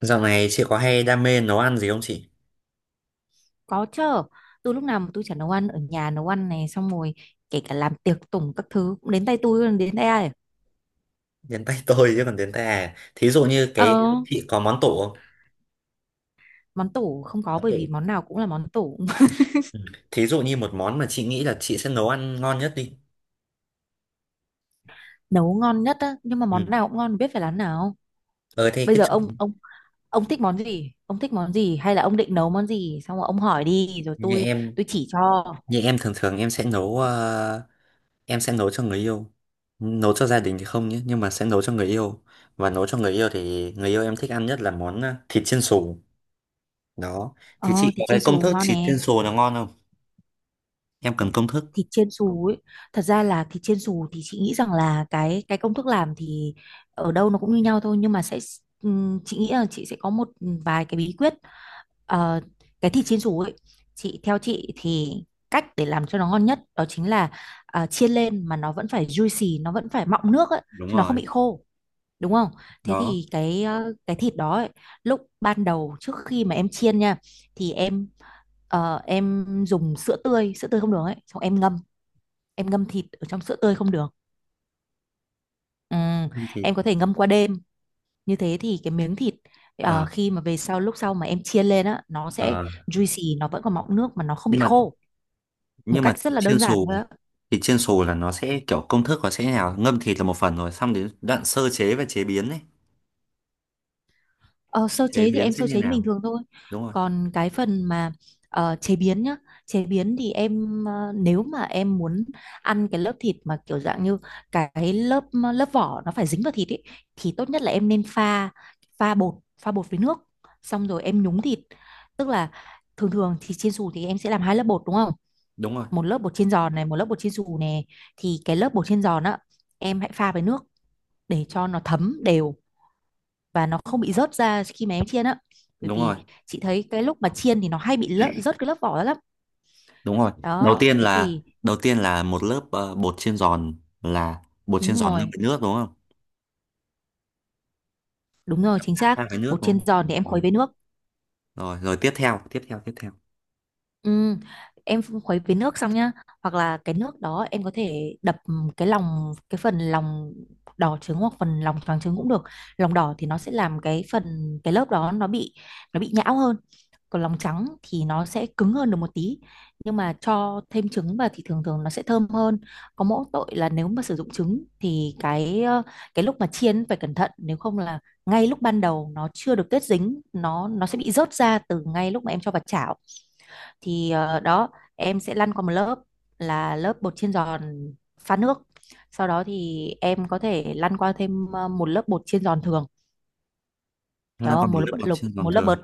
Dạo này chị có hay đam mê nấu ăn gì không chị? Có chứ, tôi lúc nào mà tôi chả nấu ăn ở nhà. Nấu ăn này xong rồi kể cả làm tiệc tùng các thứ cũng đến tay tôi, đến tay ai. Đến tay tôi chứ còn đến tay à. Thí dụ như cái Ờ, chị có món tủ không? món tủ không có Món bởi vì tủ. món nào cũng là món tủ. Ừ. Thí dụ như một món mà chị nghĩ là chị sẽ nấu ăn ngon nhất đi. Nấu ngon nhất á, nhưng mà Ừ. món nào cũng ngon biết phải làm nào. Ờ thế Bây cái giờ ông ông thích món gì? Ông thích món gì hay là ông định nấu món gì? Xong rồi ông hỏi đi rồi như tôi em tôi chỉ cho. như em thường thường em sẽ nấu em sẽ nấu cho người yêu. Nấu cho gia đình thì không nhé, nhưng mà sẽ nấu cho người yêu. Và nấu cho người yêu thì người yêu em thích ăn nhất là món thịt chiên xù. Đó. Thì Ờ chị thì có cái chiên công xù thức ngon thịt nè. chiên xù nó ngon không? Em cần công thức. Thịt chiên xù ấy, thật ra là thịt chiên xù thì chị nghĩ rằng là cái công thức làm thì ở đâu nó cũng như nhau thôi, nhưng mà sẽ chị nghĩ là chị sẽ có một vài cái bí quyết. Ờ, cái thịt chiên xù ấy, chị theo chị thì cách để làm cho nó ngon nhất đó chính là chiên lên mà nó vẫn phải juicy, nó vẫn phải mọng nước ấy, Đúng chứ nó không rồi. bị khô, đúng không? Thế Đó. thì cái cái thịt đó ấy, lúc ban đầu trước khi mà em chiên nha, thì em em dùng sữa tươi, sữa tươi không đường ấy, xong em ngâm, em ngâm thịt ở trong sữa tươi không được. Ừ, Thịt. em có thể ngâm qua đêm. Như thế thì cái miếng thịt Ờ. khi mà về sau, lúc sau mà em chiên lên á, nó sẽ Ờ, juicy, nó vẫn còn mọng nước mà nó không bị nhưng mà khô, một nhưng mà cách rất thịt là chiên đơn giản xù thôi á. thịt chiên xù là nó sẽ kiểu công thức nó sẽ như nào, ngâm thịt là một phần rồi xong đến đoạn sơ chế và chế biến ấy, Ờ, sơ chế chế thì biến em sẽ sơ như chế như bình nào? thường thôi. Đúng rồi. Còn cái phần mà chế biến nhá, chế biến thì em nếu mà em muốn ăn cái lớp thịt mà kiểu dạng như cái lớp lớp vỏ nó phải dính vào thịt ấy, thì tốt nhất là em nên pha, pha bột, pha bột với nước, xong rồi em nhúng thịt. Tức là thường thường thì chiên xù thì em sẽ làm hai lớp bột đúng không? đúng rồi Một lớp bột chiên giòn này, một lớp bột chiên xù này, thì cái lớp bột chiên giòn á, em hãy pha với nước để cho nó thấm đều và nó không bị rớt ra khi mà em chiên á. Bởi đúng rồi vì chị thấy cái lúc mà chiên thì nó hay bị lỡ, rớt cái lớp vỏ ra lắm. đúng rồi đầu Đó tiên thế là thì đầu tiên là một lớp bột chiên giòn, là bột đúng chiên giòn ngâm rồi, với nước đúng không, đúng rồi chính xác. pha với nước Bột đúng chiên không? giòn thì em Rồi. khuấy với nước. Rồi, tiếp theo. Ừ, em khuấy với nước xong nhá, hoặc là cái nước đó em có thể đập cái lòng, cái phần lòng đỏ trứng hoặc phần lòng trắng trứng cũng được. Lòng đỏ thì nó sẽ làm cái phần cái lớp đó nó bị nhão hơn, còn lòng trắng thì nó sẽ cứng hơn được một tí, nhưng mà cho thêm trứng vào thì thường thường nó sẽ thơm hơn. Có mỗi tội là nếu mà sử dụng trứng thì cái cái lúc mà chiên phải cẩn thận, nếu không là ngay lúc ban đầu nó chưa được kết dính, nó sẽ bị rớt ra từ ngay lúc mà em cho vào chảo. Thì đó, em sẽ lăn qua một lớp là lớp bột chiên giòn pha nước, sau đó thì em có thể lăn qua thêm một lớp bột chiên giòn thường, Chúng hiểu ta còn không? một Một lớp lớp bột bột lục, chiên giòn một lớp thường. bột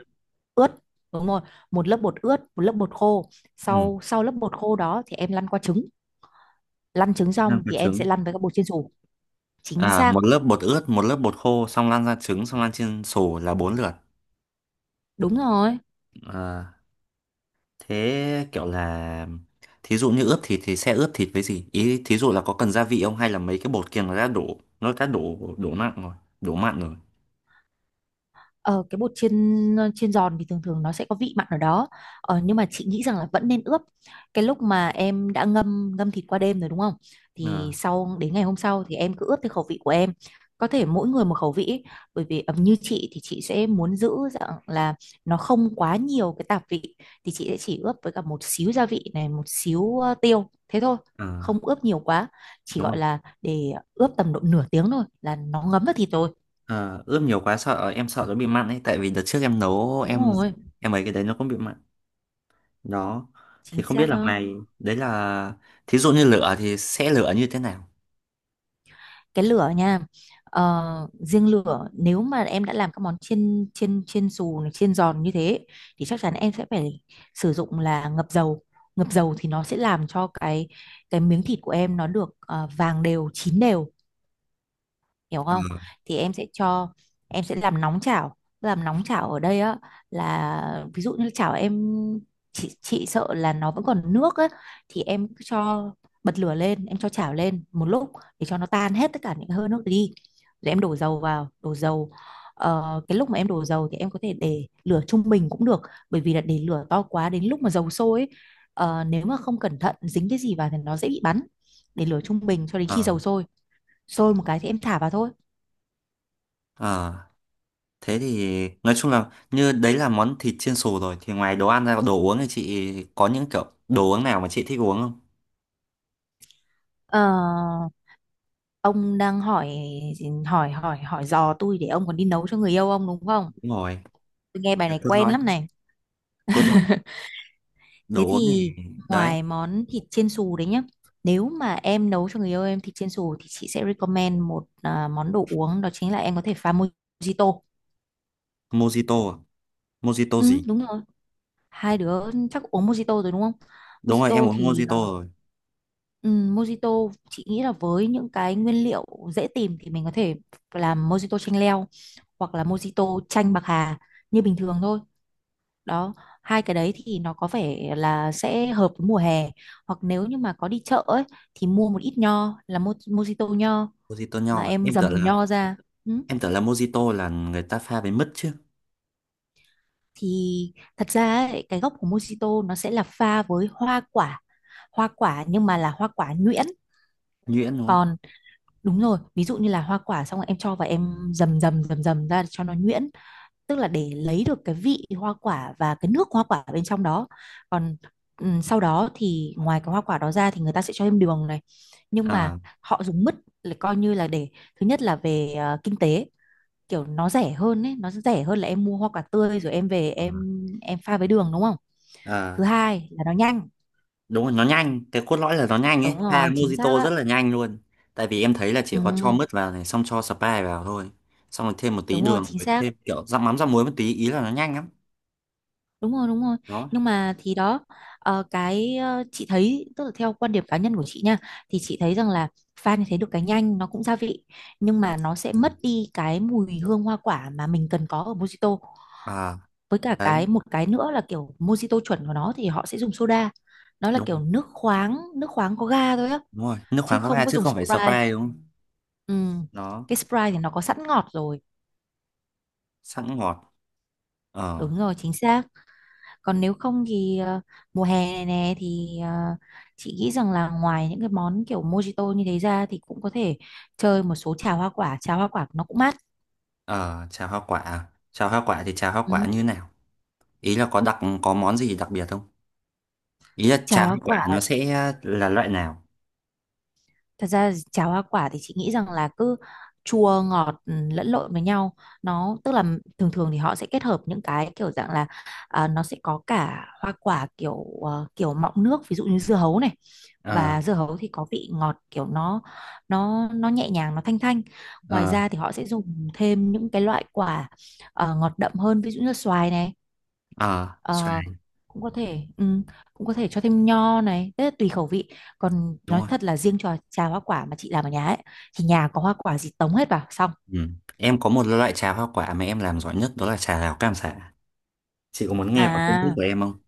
ướt, đúng rồi, một lớp bột ướt, một lớp bột khô. Ừ. Sau sau lớp bột khô đó thì em lăn qua trứng, lăn trứng Chúng ta xong có thì em sẽ trứng. lăn với các bột chiên xù. Chính À, xác, một lớp bột ướt, một lớp bột khô, xong lan ra trứng, xong lan chiên xù là bốn lượt. đúng rồi. À. Thế kiểu là thí dụ như ướp thịt thì sẽ ướp thịt với gì? Ý thí dụ là có cần gia vị không hay là mấy cái bột kia nó đã đổ đổ mặn rồi, đổ mặn rồi. Ờ, cái bột chiên, chiên giòn thì thường thường nó sẽ có vị mặn ở đó. Ờ, nhưng mà chị nghĩ rằng là vẫn nên ướp. Cái lúc mà em đã ngâm ngâm thịt qua đêm rồi, đúng không, Ờ thì sau đến ngày hôm sau thì em cứ ướp theo khẩu vị của em. Có thể mỗi người một khẩu vị ấy. Bởi vì như chị thì chị sẽ muốn giữ dạng là nó không quá nhiều cái tạp vị, thì chị sẽ chỉ ướp với cả một xíu gia vị này, một xíu tiêu, thế thôi. ờ, Không ướp nhiều quá, chỉ đúng gọi rồi. là để ướp tầm độ nửa tiếng thôi là nó ngấm vào thịt rồi. Ờ, ướp nhiều quá sợ, em sợ nó bị mặn ấy, tại vì đợt trước em nấu Đúng em rồi em ấy cái đấy nó cũng bị mặn. Đó. Thì chính không biết xác là đó. mày đấy là thí dụ như lửa thì sẽ lửa như thế nào? Cái lửa nha, ờ, riêng lửa nếu mà em đã làm các món chiên, chiên xù này, chiên giòn như thế, thì chắc chắn em sẽ phải sử dụng là ngập dầu. Ngập dầu thì nó sẽ làm cho cái miếng thịt của em nó được vàng đều, chín đều, hiểu không? Ờ Thì em sẽ cho, em sẽ làm nóng chảo, làm nóng chảo ở đây á, là ví dụ như chảo em, chị sợ là nó vẫn còn nước á, thì em cứ cho, bật lửa lên, em cho chảo lên một lúc để cho nó tan hết tất cả những hơi nước đi, rồi em đổ dầu vào, đổ dầu. Ờ, cái lúc mà em đổ dầu thì em có thể để lửa trung bình cũng được, bởi vì là để lửa to quá, đến lúc mà dầu sôi ấy, nếu mà không cẩn thận dính cái gì vào thì nó dễ bị bắn. Để lửa trung bình cho đến ờ khi dầu sôi, sôi một cái thì em thả vào thôi. ờ Thế thì nói chung là như đấy là món thịt chiên xù rồi, thì ngoài đồ ăn ra, đồ uống thì chị có những kiểu đồ uống nào mà chị thích uống không? Ờ, ông đang hỏi, hỏi dò tôi để ông còn đi nấu cho người yêu ông đúng không? Đúng rồi, Tôi nghe bài này cốt quen lõi, lắm này. cốt lõi. Thế Đồ uống thì thì đấy, ngoài món thịt chiên xù đấy nhá, nếu mà em nấu cho người yêu em thịt chiên xù thì chị sẽ recommend một à, món đồ uống đó chính là em có thể pha mojito. mojito, à? Mojito Ừ, gì? đúng rồi. Hai đứa chắc uống mojito rồi đúng không? Đúng rồi, em Mojito uống thì à, mojito rồi. ừ, mojito chị nghĩ là với những cái nguyên liệu dễ tìm thì mình có thể làm mojito chanh leo, hoặc là mojito chanh bạc hà như bình thường thôi. Đó, hai cái đấy thì nó có vẻ là sẽ hợp với mùa hè. Hoặc nếu như mà có đi chợ ấy, thì mua một ít nho, là mojito nho, Mojito nho mà à? em Em tưởng dầm là, nho ra, ừ. em tưởng là mojito là người ta pha với mứt chứ, Thì thật ra ấy, cái gốc của mojito nó sẽ là pha với hoa quả, hoa quả nhưng mà là hoa quả nhuyễn. nhuyễn đúng không? Còn đúng rồi, ví dụ như là hoa quả xong rồi em cho và em dầm dầm dầm dầm ra để cho nó nhuyễn, tức là để lấy được cái vị hoa quả và cái nước hoa quả bên trong đó. Còn sau đó thì ngoài cái hoa quả đó ra thì người ta sẽ cho thêm đường này, nhưng mà À. họ dùng mứt là coi như là để, thứ nhất là về kinh tế, kiểu nó rẻ hơn ấy, nó rẻ hơn là em mua hoa quả tươi rồi em về À, em pha với đường đúng không. Thứ à. hai là nó nhanh. Đúng rồi, nó nhanh, cái cốt lõi là nó nhanh ấy, Đúng pha rồi, chính xác mojito rất ạ. là nhanh luôn. Tại vì em thấy là chỉ Ừ, có cho mứt vào này xong cho Sprite vào thôi, xong rồi thêm một tí đúng rồi đường, chính rồi xác, thêm kiểu rắc mắm rắc muối một tí, ý là nó nhanh lắm. đúng rồi, đúng rồi. Đó. Nhưng mà thì đó, ờ, cái chị thấy tức là theo quan điểm cá nhân của chị nha, thì chị thấy rằng là pha như thế được cái nhanh, nó cũng gia vị, nhưng mà nó sẽ Ừ. mất đi cái mùi hương hoa quả mà mình cần có ở mojito. À. Với cả Đấy. cái một cái nữa là kiểu mojito chuẩn của nó thì họ sẽ dùng soda. Nó là Đúng, kiểu nước khoáng, nước khoáng có ga thôi á, đúng rồi, nước chứ khoáng không coca có chứ dùng không phải Sprite. Sprite đúng không? Ừ, Nó cái Sprite thì nó có sẵn ngọt rồi. sẵn ngọt. Ờ. Đúng rồi chính xác. Còn nếu không thì mùa hè này nè thì chị nghĩ rằng là ngoài những cái món kiểu mojito như thế ra thì cũng có thể chơi một số trà hoa quả. Trà hoa quả nó cũng mát. Ờ, trà hoa quả à? Trà hoa quả thì trà hoa quả Ừ. như nào, ý là có đặc có món gì đặc biệt không, ý là Trà trà hoa hoa quả nó quả, sẽ là loại nào? thật ra cháo hoa quả thì chị nghĩ rằng là cứ chua ngọt, ừ, lẫn lộn với nhau. Nó tức là thường thường thì họ sẽ kết hợp những cái kiểu dạng là nó sẽ có cả hoa quả kiểu kiểu mọng nước, ví dụ như dưa hấu này, ờ và dưa hấu thì có vị ngọt kiểu nó, nó nhẹ nhàng, nó thanh thanh. Ngoài ra ờ thì họ sẽ dùng thêm những cái loại quả ngọt đậm hơn, ví dụ như xoài này. ờ Ờ, xoài cũng có thể ừ, cũng có thể cho thêm nho này, tức là tùy khẩu vị. Còn đúng nói rồi. thật là riêng trò trà hoa quả mà chị làm ở nhà ấy, thì nhà có hoa quả gì tống hết vào xong. Ừ. Em có một loại trà hoa quả mà em làm giỏi nhất, đó là trà đào cam sả. Chị có muốn nghe qua công thức À, của em không?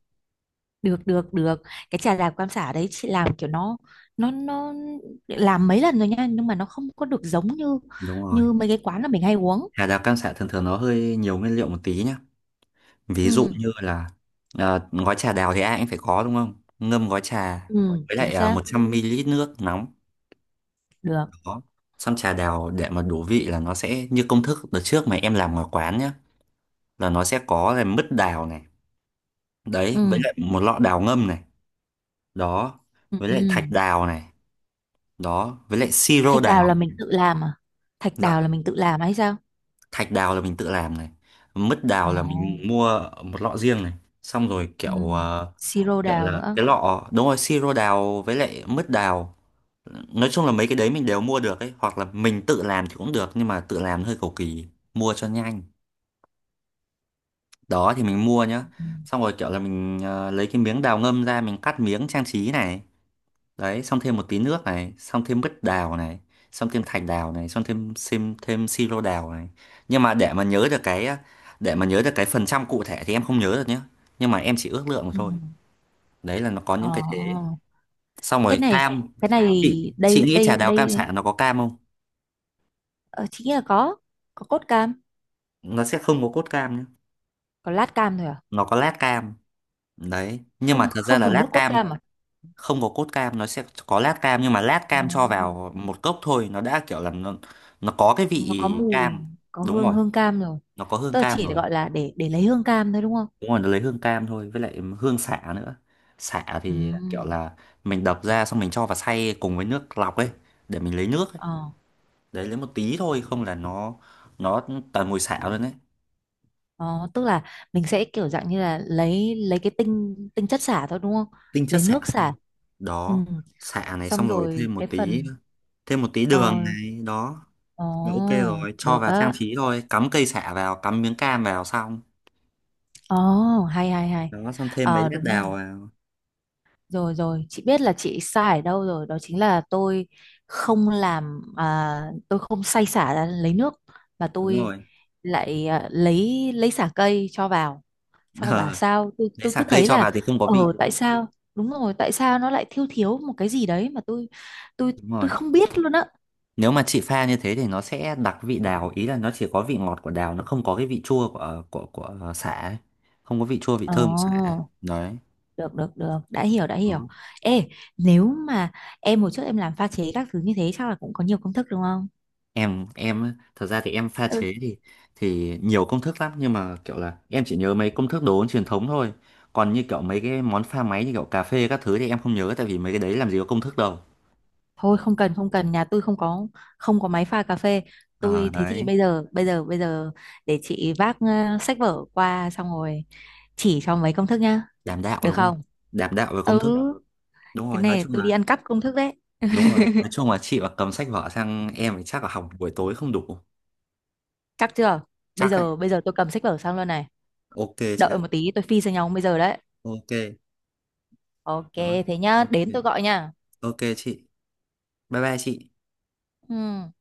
được được được. Cái trà đào cam xả đấy chị làm kiểu nó, nó làm mấy lần rồi nha, nhưng mà nó không có được giống như Đúng rồi. như mấy cái quán là mình hay uống. Trà đào cam sả thường thường nó hơi nhiều nguyên liệu một tí nhá. Ví dụ Ừ, như là gói trà đào thì ai cũng phải có đúng không? Ngâm gói trà ừ với chính lại xác. 100ml nước nóng. Được. Đó. Xong trà đào để mà đủ vị là nó sẽ như công thức đợt trước mà em làm ngoài quán nhá. Là nó sẽ có là mứt đào này. Ừ. Đấy, với lại một lọ đào ngâm này. Đó. Ừ, Với lại thạch ừ. đào này. Đó. Với lại siro Thạch đào đào. là mình tự làm à? Thạch đào Dạ. là mình tự làm hay sao? Thạch đào là mình tự làm này, mứt đào Ồ. là mình mua một lọ riêng này, xong rồi Ừ. kiểu Siro kiểu đào là nữa. cái lọ, đúng rồi, siro đào với lại mứt đào. Nói chung là mấy cái đấy mình đều mua được ấy, hoặc là mình tự làm thì cũng được nhưng mà tự làm hơi cầu kỳ, mua cho nhanh. Đó thì mình mua nhá. Ừ. Xong rồi kiểu là mình lấy cái miếng đào ngâm ra mình cắt miếng trang trí này. Đấy xong thêm một tí nước này, xong thêm mứt đào này, xong thêm thạch đào này, xong thêm thêm thêm siro đào này. Nhưng mà để mà nhớ được cái, để mà nhớ được cái phần trăm cụ thể thì em không nhớ được nhé, nhưng mà em chỉ ước lượng Ừ. thôi. Đấy là nó có những cái thế. Ồ, Xong cái rồi này, cam, cái này chị đây nghĩ đây trà đào cam sả đây. nó có cam không? Ờ, chị nghĩ là có cốt cam. Nó sẽ không có cốt cam nhé, Có lát cam thôi à? nó có lát cam. Đấy, nhưng mà Không, thật ra không là dùng nước lát cốt cam, cam à? không có cốt cam, nó sẽ có lát cam, nhưng mà lát Ừ. cam cho vào một cốc thôi nó đã kiểu là nó có cái Nó có vị mùi, cam. có Đúng hương, rồi, hương cam rồi. nó có hương Tức là cam chỉ rồi. gọi là để lấy hương cam thôi đúng không. Đúng rồi, nó lấy hương cam thôi, với lại hương xả nữa. Xả Ừ. thì kiểu là mình đập ra xong mình cho vào xay cùng với nước lọc ấy, để mình lấy nước ấy. ờ, Đấy lấy một tí thôi, không là nó toàn mùi xả luôn đấy. ờ, tức là mình sẽ kiểu dạng như là lấy cái tinh tinh chất xả thôi đúng không Tinh chất lấy xả. nước xả. Ừ. Đó, xả này Xong xong rồi thêm rồi một cái tí, phần, thêm một tí đường ờ, này, đó ồ, là ok rồi, cho được vào trang á, trí thôi, cắm cây sả vào, cắm miếng cam vào xong. ồ, hay hay hay. Đó xong thêm mấy Ờ lát đúng rồi. đào vào. Rồi rồi, chị biết là chị sai ở đâu rồi, đó chính là tôi không làm à, tôi không xay xả ra lấy nước, mà Đúng tôi rồi. lại à, lấy xả cây cho vào. Xong rồi bảo Ờ, sao tôi lấy tôi cứ sả cây thấy cho là, vào thì không có ờ vị. tại sao? Đúng rồi, tại sao nó lại thiếu, thiếu một cái gì đấy mà tôi Đúng tôi rồi. không biết luôn á. Nếu mà chị pha như thế thì nó sẽ đặc vị đào, ý là nó chỉ có vị ngọt của đào, nó không có cái vị chua của sả ấy. Không có vị chua vị Ờ, thơm của sả ấy. Đấy. được được được, đã hiểu đã hiểu. Đó. Ê, nếu mà em hồi trước em làm pha chế các thứ như thế chắc là cũng có nhiều công thức đúng không? Em á, thật ra thì em pha chế thì nhiều công thức lắm, nhưng mà kiểu là em chỉ nhớ mấy công thức đồ uống truyền thống thôi. Còn như kiểu mấy cái món pha máy như kiểu cà phê các thứ thì em không nhớ, tại vì mấy cái đấy làm gì có công thức đâu. Thôi không cần, không cần, nhà tôi không có, không có máy pha cà phê. Ờ Tôi thế thì đấy, bây giờ bây giờ để chị vác sách vở qua, xong rồi chỉ cho mấy công thức nhá, đảm đạo được đúng không? không? Đảm đạo về công Ừ, thức. Đúng cái rồi, nói này chung tôi đi là ăn cắp công thức đấy. đúng rồi. Nói chung là chị mà cầm sách vở sang em thì chắc là học buổi tối không đủ. Chắc chưa, bây Chắc ấy. giờ bây giờ tôi cầm sách vở sang luôn này, Ok chị ạ. đợi một tí tôi phi sang nhau bây giờ đấy. Ok. Ok, Đó. thế nhá, Ok. đến tôi gọi nha. Ok chị. Bye bye chị. Ừ.